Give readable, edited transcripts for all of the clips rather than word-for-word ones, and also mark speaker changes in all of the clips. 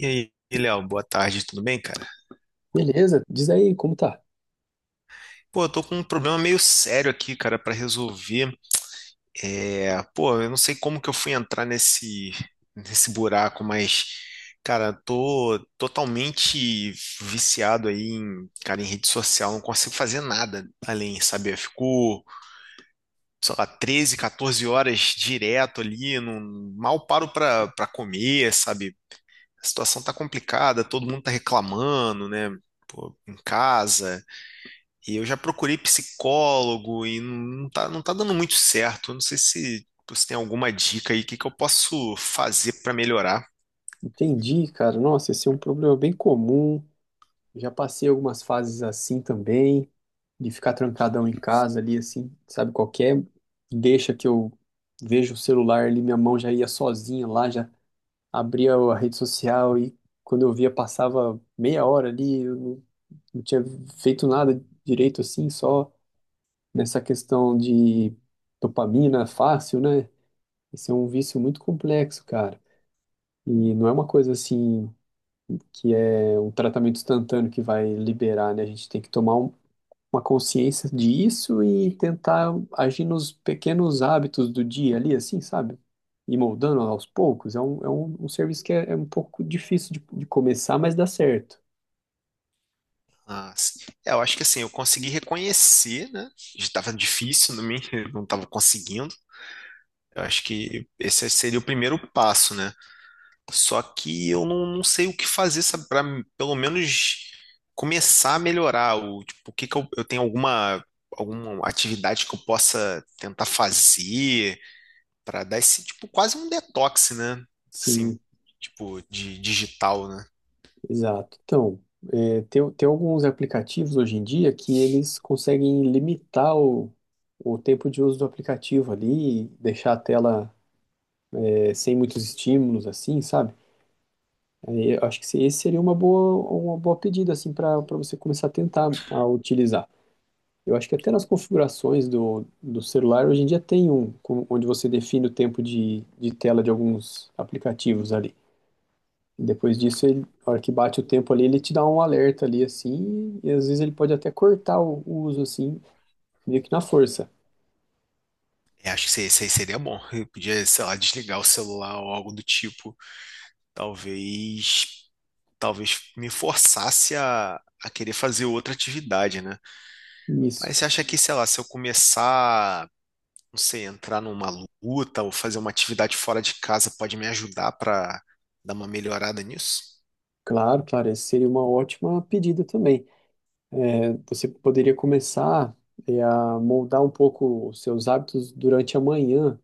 Speaker 1: E aí, Léo, boa tarde, tudo bem, cara?
Speaker 2: Beleza, diz aí como tá.
Speaker 1: Pô, eu tô com um problema meio sério aqui, cara, pra resolver. É, pô, eu não sei como que eu fui entrar nesse buraco, mas cara, tô totalmente viciado aí em rede social, não consigo fazer nada além, sabe? Eu fico, sei lá, 13, 14 horas direto ali, não, mal paro pra para comer, sabe? A situação tá complicada, todo mundo tá reclamando, né? Pô, em casa, e eu já procurei psicólogo e não tá dando muito certo. Eu não sei se você tem alguma dica aí, o que que eu posso fazer para melhorar.
Speaker 2: Entendi, cara. Nossa, esse é um problema bem comum. Já passei algumas fases assim também, de ficar trancadão em casa ali, assim, sabe, qualquer deixa que eu vejo o celular ali, minha mão já ia sozinha lá, já abria a rede social e quando eu via passava meia hora ali, eu não tinha feito nada direito assim, só nessa questão de dopamina fácil, né? Esse é um vício muito complexo, cara. E não é uma coisa assim que é um tratamento instantâneo que vai liberar, né? A gente tem que tomar uma consciência disso e tentar agir nos pequenos hábitos do dia ali, assim, sabe? E moldando aos poucos. É um serviço que é um pouco difícil de começar, mas dá certo.
Speaker 1: Ah, é, eu acho que assim, eu consegui reconhecer, né? Estava difícil, não estava conseguindo. Eu acho que esse seria o primeiro passo, né? Só que eu não, não sei o que fazer, sabe, para pelo menos começar a melhorar. O, tipo, o que que eu tenho alguma, alguma atividade que eu possa tentar fazer? Para dar esse, tipo, quase um detox, né? Assim,
Speaker 2: Sim,
Speaker 1: tipo, de digital, né?
Speaker 2: exato. Então, tem alguns aplicativos hoje em dia que eles conseguem limitar o tempo de uso do aplicativo ali, deixar a tela, sem muitos estímulos, assim, sabe? Aí, eu acho que esse seria uma boa pedida, assim, para você começar a tentar a utilizar. Eu acho que até nas configurações do celular hoje em dia tem onde você define o tempo de tela de alguns aplicativos ali. E depois disso, ele, na hora que bate o tempo ali, ele te dá um alerta ali assim, e às vezes ele pode até cortar o uso assim, meio que na força.
Speaker 1: Eu acho que isso aí seria bom. Eu podia, sei lá, desligar o celular ou algo do tipo. Talvez, talvez me forçasse a querer fazer outra atividade, né?
Speaker 2: Isso.
Speaker 1: Mas você acha que, sei lá, se eu começar, não sei, entrar numa luta ou fazer uma atividade fora de casa pode me ajudar para dar uma melhorada nisso?
Speaker 2: Claro, claro, essa seria uma ótima pedida também. É, você poderia começar, a moldar um pouco os seus hábitos durante a manhã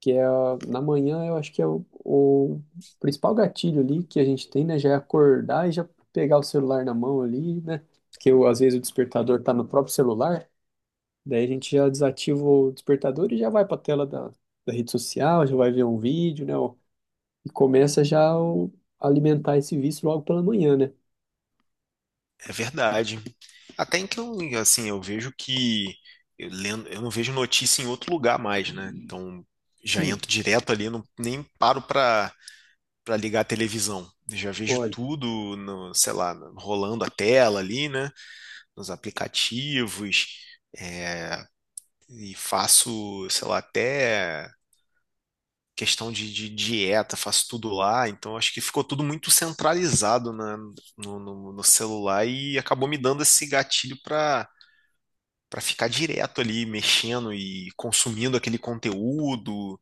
Speaker 2: que é na manhã, eu acho que é o principal gatilho ali que a gente tem, né? Já é acordar e já pegar o celular na mão ali, né? Porque eu, às vezes o despertador tá no próprio celular, daí a gente já desativa o despertador e já vai para a tela da rede social, já vai ver um vídeo, né? Ó, e começa já alimentar esse vício logo pela manhã, né?
Speaker 1: É verdade. Até então, assim, eu vejo que eu, eu não vejo notícia em outro lugar mais, né? Então já
Speaker 2: Sim,
Speaker 1: entro direto ali, não, nem paro para ligar a televisão. Eu já vejo
Speaker 2: olha,
Speaker 1: tudo no, sei lá, rolando a tela ali, né? Nos aplicativos e faço, sei lá, até questão de dieta, faço tudo lá. Então acho que ficou tudo muito centralizado no, no celular e acabou me dando esse gatilho para ficar direto ali mexendo e consumindo aquele conteúdo.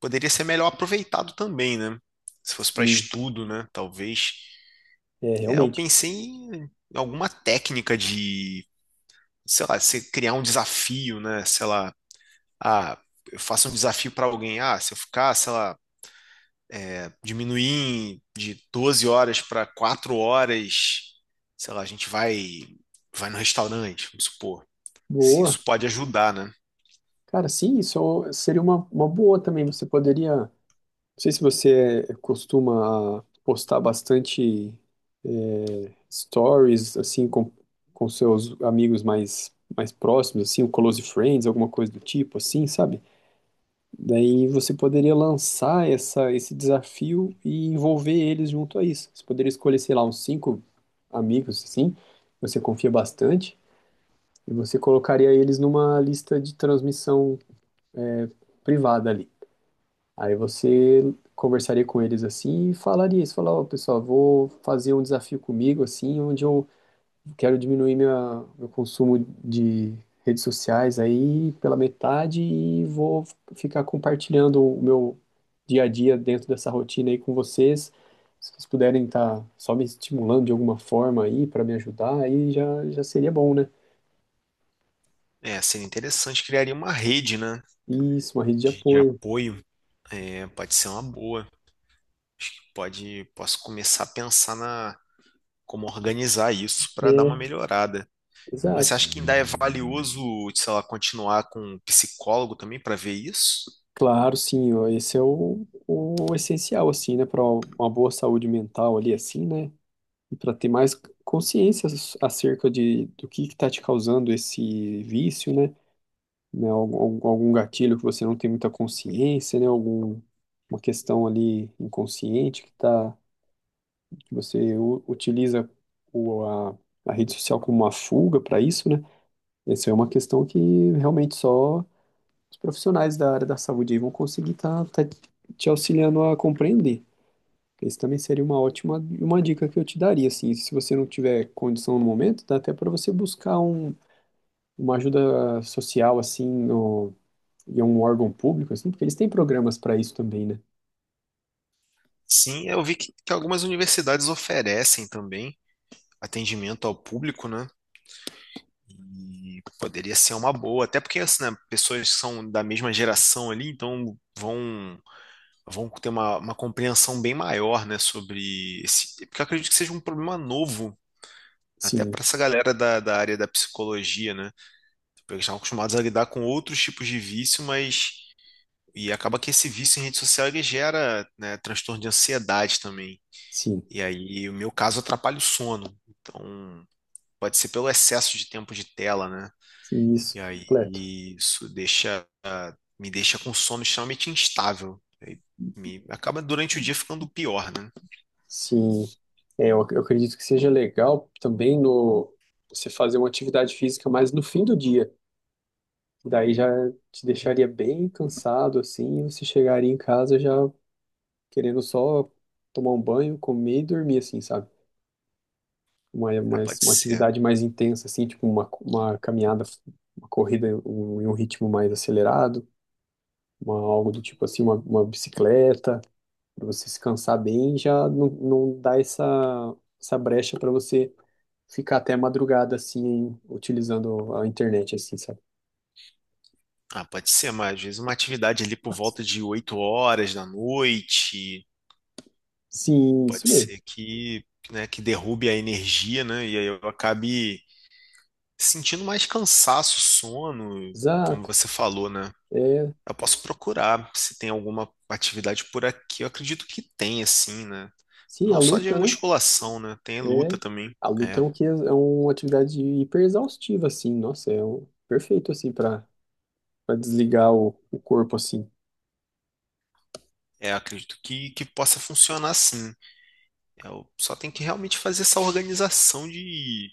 Speaker 1: Poderia ser melhor aproveitado também, né? Se fosse para
Speaker 2: sim,
Speaker 1: estudo, né? Talvez.
Speaker 2: é
Speaker 1: É, eu
Speaker 2: realmente.
Speaker 1: pensei em alguma técnica de, sei lá, você criar um desafio, né? Sei lá, ah, eu faço um desafio para alguém, ah, se eu ficar, sei lá, diminuir de 12 horas para 4 horas, sei lá, a gente vai no restaurante, vamos supor. Se
Speaker 2: Boa.
Speaker 1: isso pode ajudar, né?
Speaker 2: Cara, sim, isso seria uma boa também. Você poderia. Não sei se você costuma postar bastante stories assim com, seus amigos mais próximos, assim, o close friends, alguma coisa do tipo, assim, sabe? Daí você poderia lançar essa esse desafio e envolver eles junto a isso. Você poderia escolher, sei lá, uns cinco amigos assim, que você confia bastante, e você colocaria eles numa lista de transmissão eh, privada ali. Aí você conversaria com eles assim e falaria isso, falar, ó, pessoal, vou fazer um desafio comigo assim, onde eu quero diminuir meu consumo de redes sociais aí pela metade e vou ficar compartilhando o meu dia a dia dentro dessa rotina aí com vocês. Se vocês puderem estar só me estimulando de alguma forma aí para me ajudar, aí já seria bom, né?
Speaker 1: É, seria interessante, criaria uma rede, né,
Speaker 2: Isso, uma rede de
Speaker 1: de
Speaker 2: apoio.
Speaker 1: apoio. É, pode ser uma boa. Pode, posso começar a pensar na como organizar isso para dar
Speaker 2: É,
Speaker 1: uma melhorada. Mas você
Speaker 2: exato.
Speaker 1: acha que ainda é valioso, sei lá, continuar com um psicólogo também para ver isso?
Speaker 2: Claro, sim, ó, esse é o essencial, assim, né, para uma boa saúde mental ali, assim, né, e para ter mais consciência acerca do que está te causando esse vício, né, né, algum, gatilho que você não tem muita consciência, né, algum, uma questão ali inconsciente que tá, que você utiliza o, a, a rede social como uma fuga para isso, né, essa é uma questão que realmente só os profissionais da área da saúde aí vão conseguir estar te auxiliando a compreender. Esse também seria uma ótima uma dica que eu te daria, assim, se você não tiver condição no momento, dá até para você buscar uma ajuda social, assim, no, em um órgão público, assim, porque eles têm programas para isso também, né?
Speaker 1: Sim, eu vi que algumas universidades oferecem também atendimento ao público, né? E poderia ser uma boa, até porque assim, né, pessoas que são da mesma geração ali, então vão ter uma compreensão bem maior, né, sobre esse, porque eu acredito que seja um problema novo, até para
Speaker 2: Sim,
Speaker 1: essa galera da área da psicologia, né? Porque eles estão acostumados a lidar com outros tipos de vício, mas e acaba que esse vício em rede social ele gera, né, transtorno de ansiedade também.
Speaker 2: sim,
Speaker 1: E aí, o meu caso atrapalha o sono. Então, pode ser pelo excesso de tempo de tela, né?
Speaker 2: sim,
Speaker 1: E
Speaker 2: isso,
Speaker 1: aí
Speaker 2: completo.
Speaker 1: isso deixa me deixa com sono extremamente instável. E aí, me acaba durante o dia ficando pior, né?
Speaker 2: Sim, é, eu acredito que seja legal também no você fazer uma atividade física mais no fim do dia. Daí já te deixaria bem cansado, assim, e você chegaria em casa já querendo só tomar um banho, comer e dormir, assim, sabe? Uma,
Speaker 1: Ah,
Speaker 2: uma,
Speaker 1: pode
Speaker 2: uma
Speaker 1: ser.
Speaker 2: atividade mais intensa, assim, tipo uma caminhada, uma corrida em um ritmo mais acelerado, algo do tipo assim, uma bicicleta, para você se cansar bem, já não dá essa brecha para você ficar até a madrugada, assim, utilizando a internet, assim, sabe?
Speaker 1: Ah, pode ser, mas às vezes uma atividade ali por volta de 8 horas da noite,
Speaker 2: Sim, isso
Speaker 1: pode
Speaker 2: mesmo.
Speaker 1: ser que, né, que derrube a energia, né? E aí eu acabe sentindo mais cansaço, sono, como
Speaker 2: Exato.
Speaker 1: você falou, né?
Speaker 2: É.
Speaker 1: Eu posso procurar se tem alguma atividade por aqui. Eu acredito que tem, assim, né?
Speaker 2: Sim, a
Speaker 1: Não só de
Speaker 2: luta, né?
Speaker 1: musculação, né? Tem
Speaker 2: É,
Speaker 1: luta também.
Speaker 2: a luta é,
Speaker 1: É,
Speaker 2: um, que- é uma atividade hiper exaustiva, assim. Nossa, é perfeito, assim, para desligar o corpo, assim.
Speaker 1: é, acredito que possa funcionar sim. Eu só tenho que realmente fazer essa organização de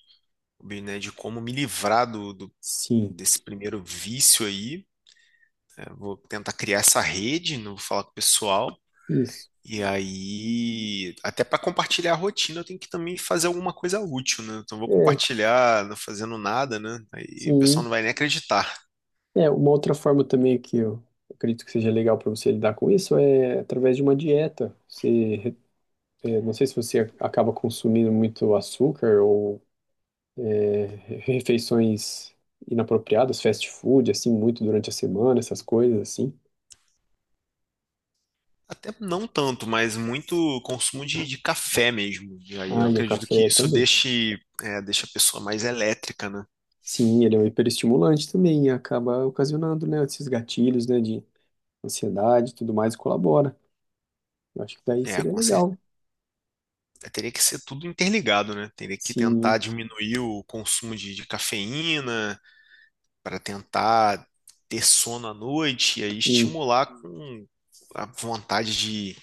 Speaker 1: bem, né, de como me livrar do
Speaker 2: Sim,
Speaker 1: desse primeiro vício aí. Né? Vou tentar criar essa rede, não vou falar com o pessoal.
Speaker 2: isso.
Speaker 1: E aí, até para compartilhar a rotina, eu tenho que também fazer alguma coisa útil, né? Então, eu vou
Speaker 2: É,
Speaker 1: compartilhar não fazendo nada, né? Aí o pessoal
Speaker 2: sim.
Speaker 1: não vai nem acreditar.
Speaker 2: É, uma outra forma também que eu acredito que seja legal para você lidar com isso é através de uma dieta. Você, não sei se você acaba consumindo muito açúcar ou refeições inapropriadas, fast food, assim, muito durante a semana, essas coisas, assim.
Speaker 1: Até não tanto, mas muito consumo de café mesmo. E aí, eu
Speaker 2: Ah, e o
Speaker 1: acredito que
Speaker 2: café
Speaker 1: isso
Speaker 2: também.
Speaker 1: deixe, é, deixa a pessoa mais elétrica, né?
Speaker 2: Sim, ele é um hiperestimulante também e acaba ocasionando, né, esses gatilhos, né, de ansiedade e tudo mais, e colabora. Eu acho que daí
Speaker 1: É,
Speaker 2: seria
Speaker 1: com
Speaker 2: legal.
Speaker 1: é, teria que ser tudo interligado, né? Teria que
Speaker 2: Sim,
Speaker 1: tentar diminuir o consumo de cafeína para tentar ter sono à noite e aí
Speaker 2: hum,
Speaker 1: estimular com a vontade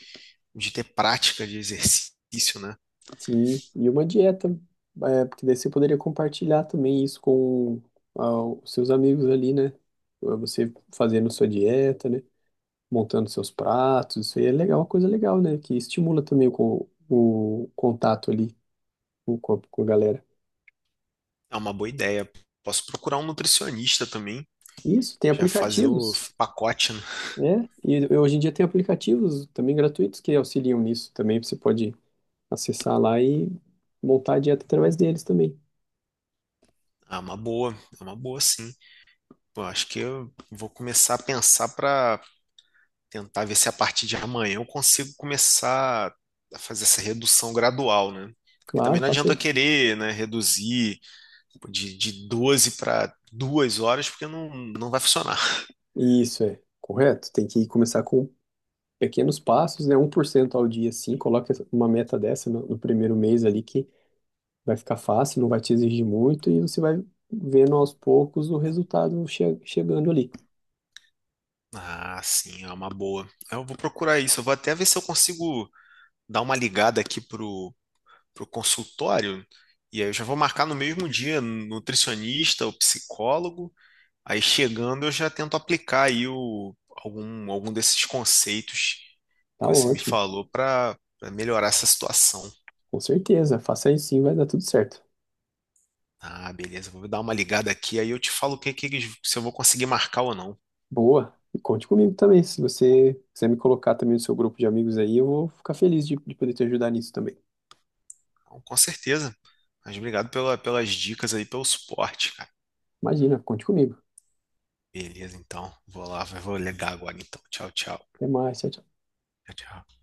Speaker 1: de ter prática de exercício, né?
Speaker 2: sim. E uma dieta, é, porque daí você poderia compartilhar também isso com ah, os seus amigos ali, né? Ah, você fazendo sua dieta, né? Montando seus pratos, isso aí é legal, uma coisa legal, né? Que estimula também o o contato ali com a galera.
Speaker 1: É uma boa ideia. Posso procurar um nutricionista também,
Speaker 2: Isso, tem
Speaker 1: já fazer o
Speaker 2: aplicativos.
Speaker 1: pacote, né?
Speaker 2: Né, e hoje em dia tem aplicativos também gratuitos que auxiliam nisso também. Você pode acessar lá e montar a dieta através deles também.
Speaker 1: É uma boa, é uma boa sim. Pô, acho que eu vou começar a pensar para tentar ver se a partir de amanhã eu consigo começar a fazer essa redução gradual, né? Porque
Speaker 2: Claro,
Speaker 1: também não
Speaker 2: faça
Speaker 1: adianta eu
Speaker 2: isso.
Speaker 1: querer, né, reduzir de 12 para duas horas, porque não, não vai funcionar.
Speaker 2: Isso é correto. Tem que começar com pequenos passos, né? 1% ao dia, sim. Coloque uma meta dessa no primeiro mês ali que vai ficar fácil, não vai te exigir muito e você vai vendo aos poucos o resultado chegando ali.
Speaker 1: Ah, sim, é uma boa. Eu vou procurar isso. Eu vou até ver se eu consigo dar uma ligada aqui pro consultório. E aí eu já vou marcar no mesmo dia nutricionista ou psicólogo. Aí chegando, eu já tento aplicar aí o, algum desses conceitos
Speaker 2: Tá
Speaker 1: que você me
Speaker 2: ótimo.
Speaker 1: falou para melhorar essa situação.
Speaker 2: Com certeza. Faça isso sim, vai dar tudo certo.
Speaker 1: Ah, beleza, vou dar uma ligada aqui, aí eu te falo o que se eu vou conseguir marcar ou não.
Speaker 2: Boa. E conte comigo também. Se você quiser me colocar também no seu grupo de amigos aí, eu vou ficar feliz de poder te ajudar nisso também.
Speaker 1: Então, com certeza. Mas obrigado pela, pelas dicas aí, pelo suporte, cara.
Speaker 2: Imagina, conte comigo.
Speaker 1: Beleza, então. Vou lá, vou ligar agora então. Tchau, tchau.
Speaker 2: Até mais, tchau, tchau.
Speaker 1: Tchau, tchau.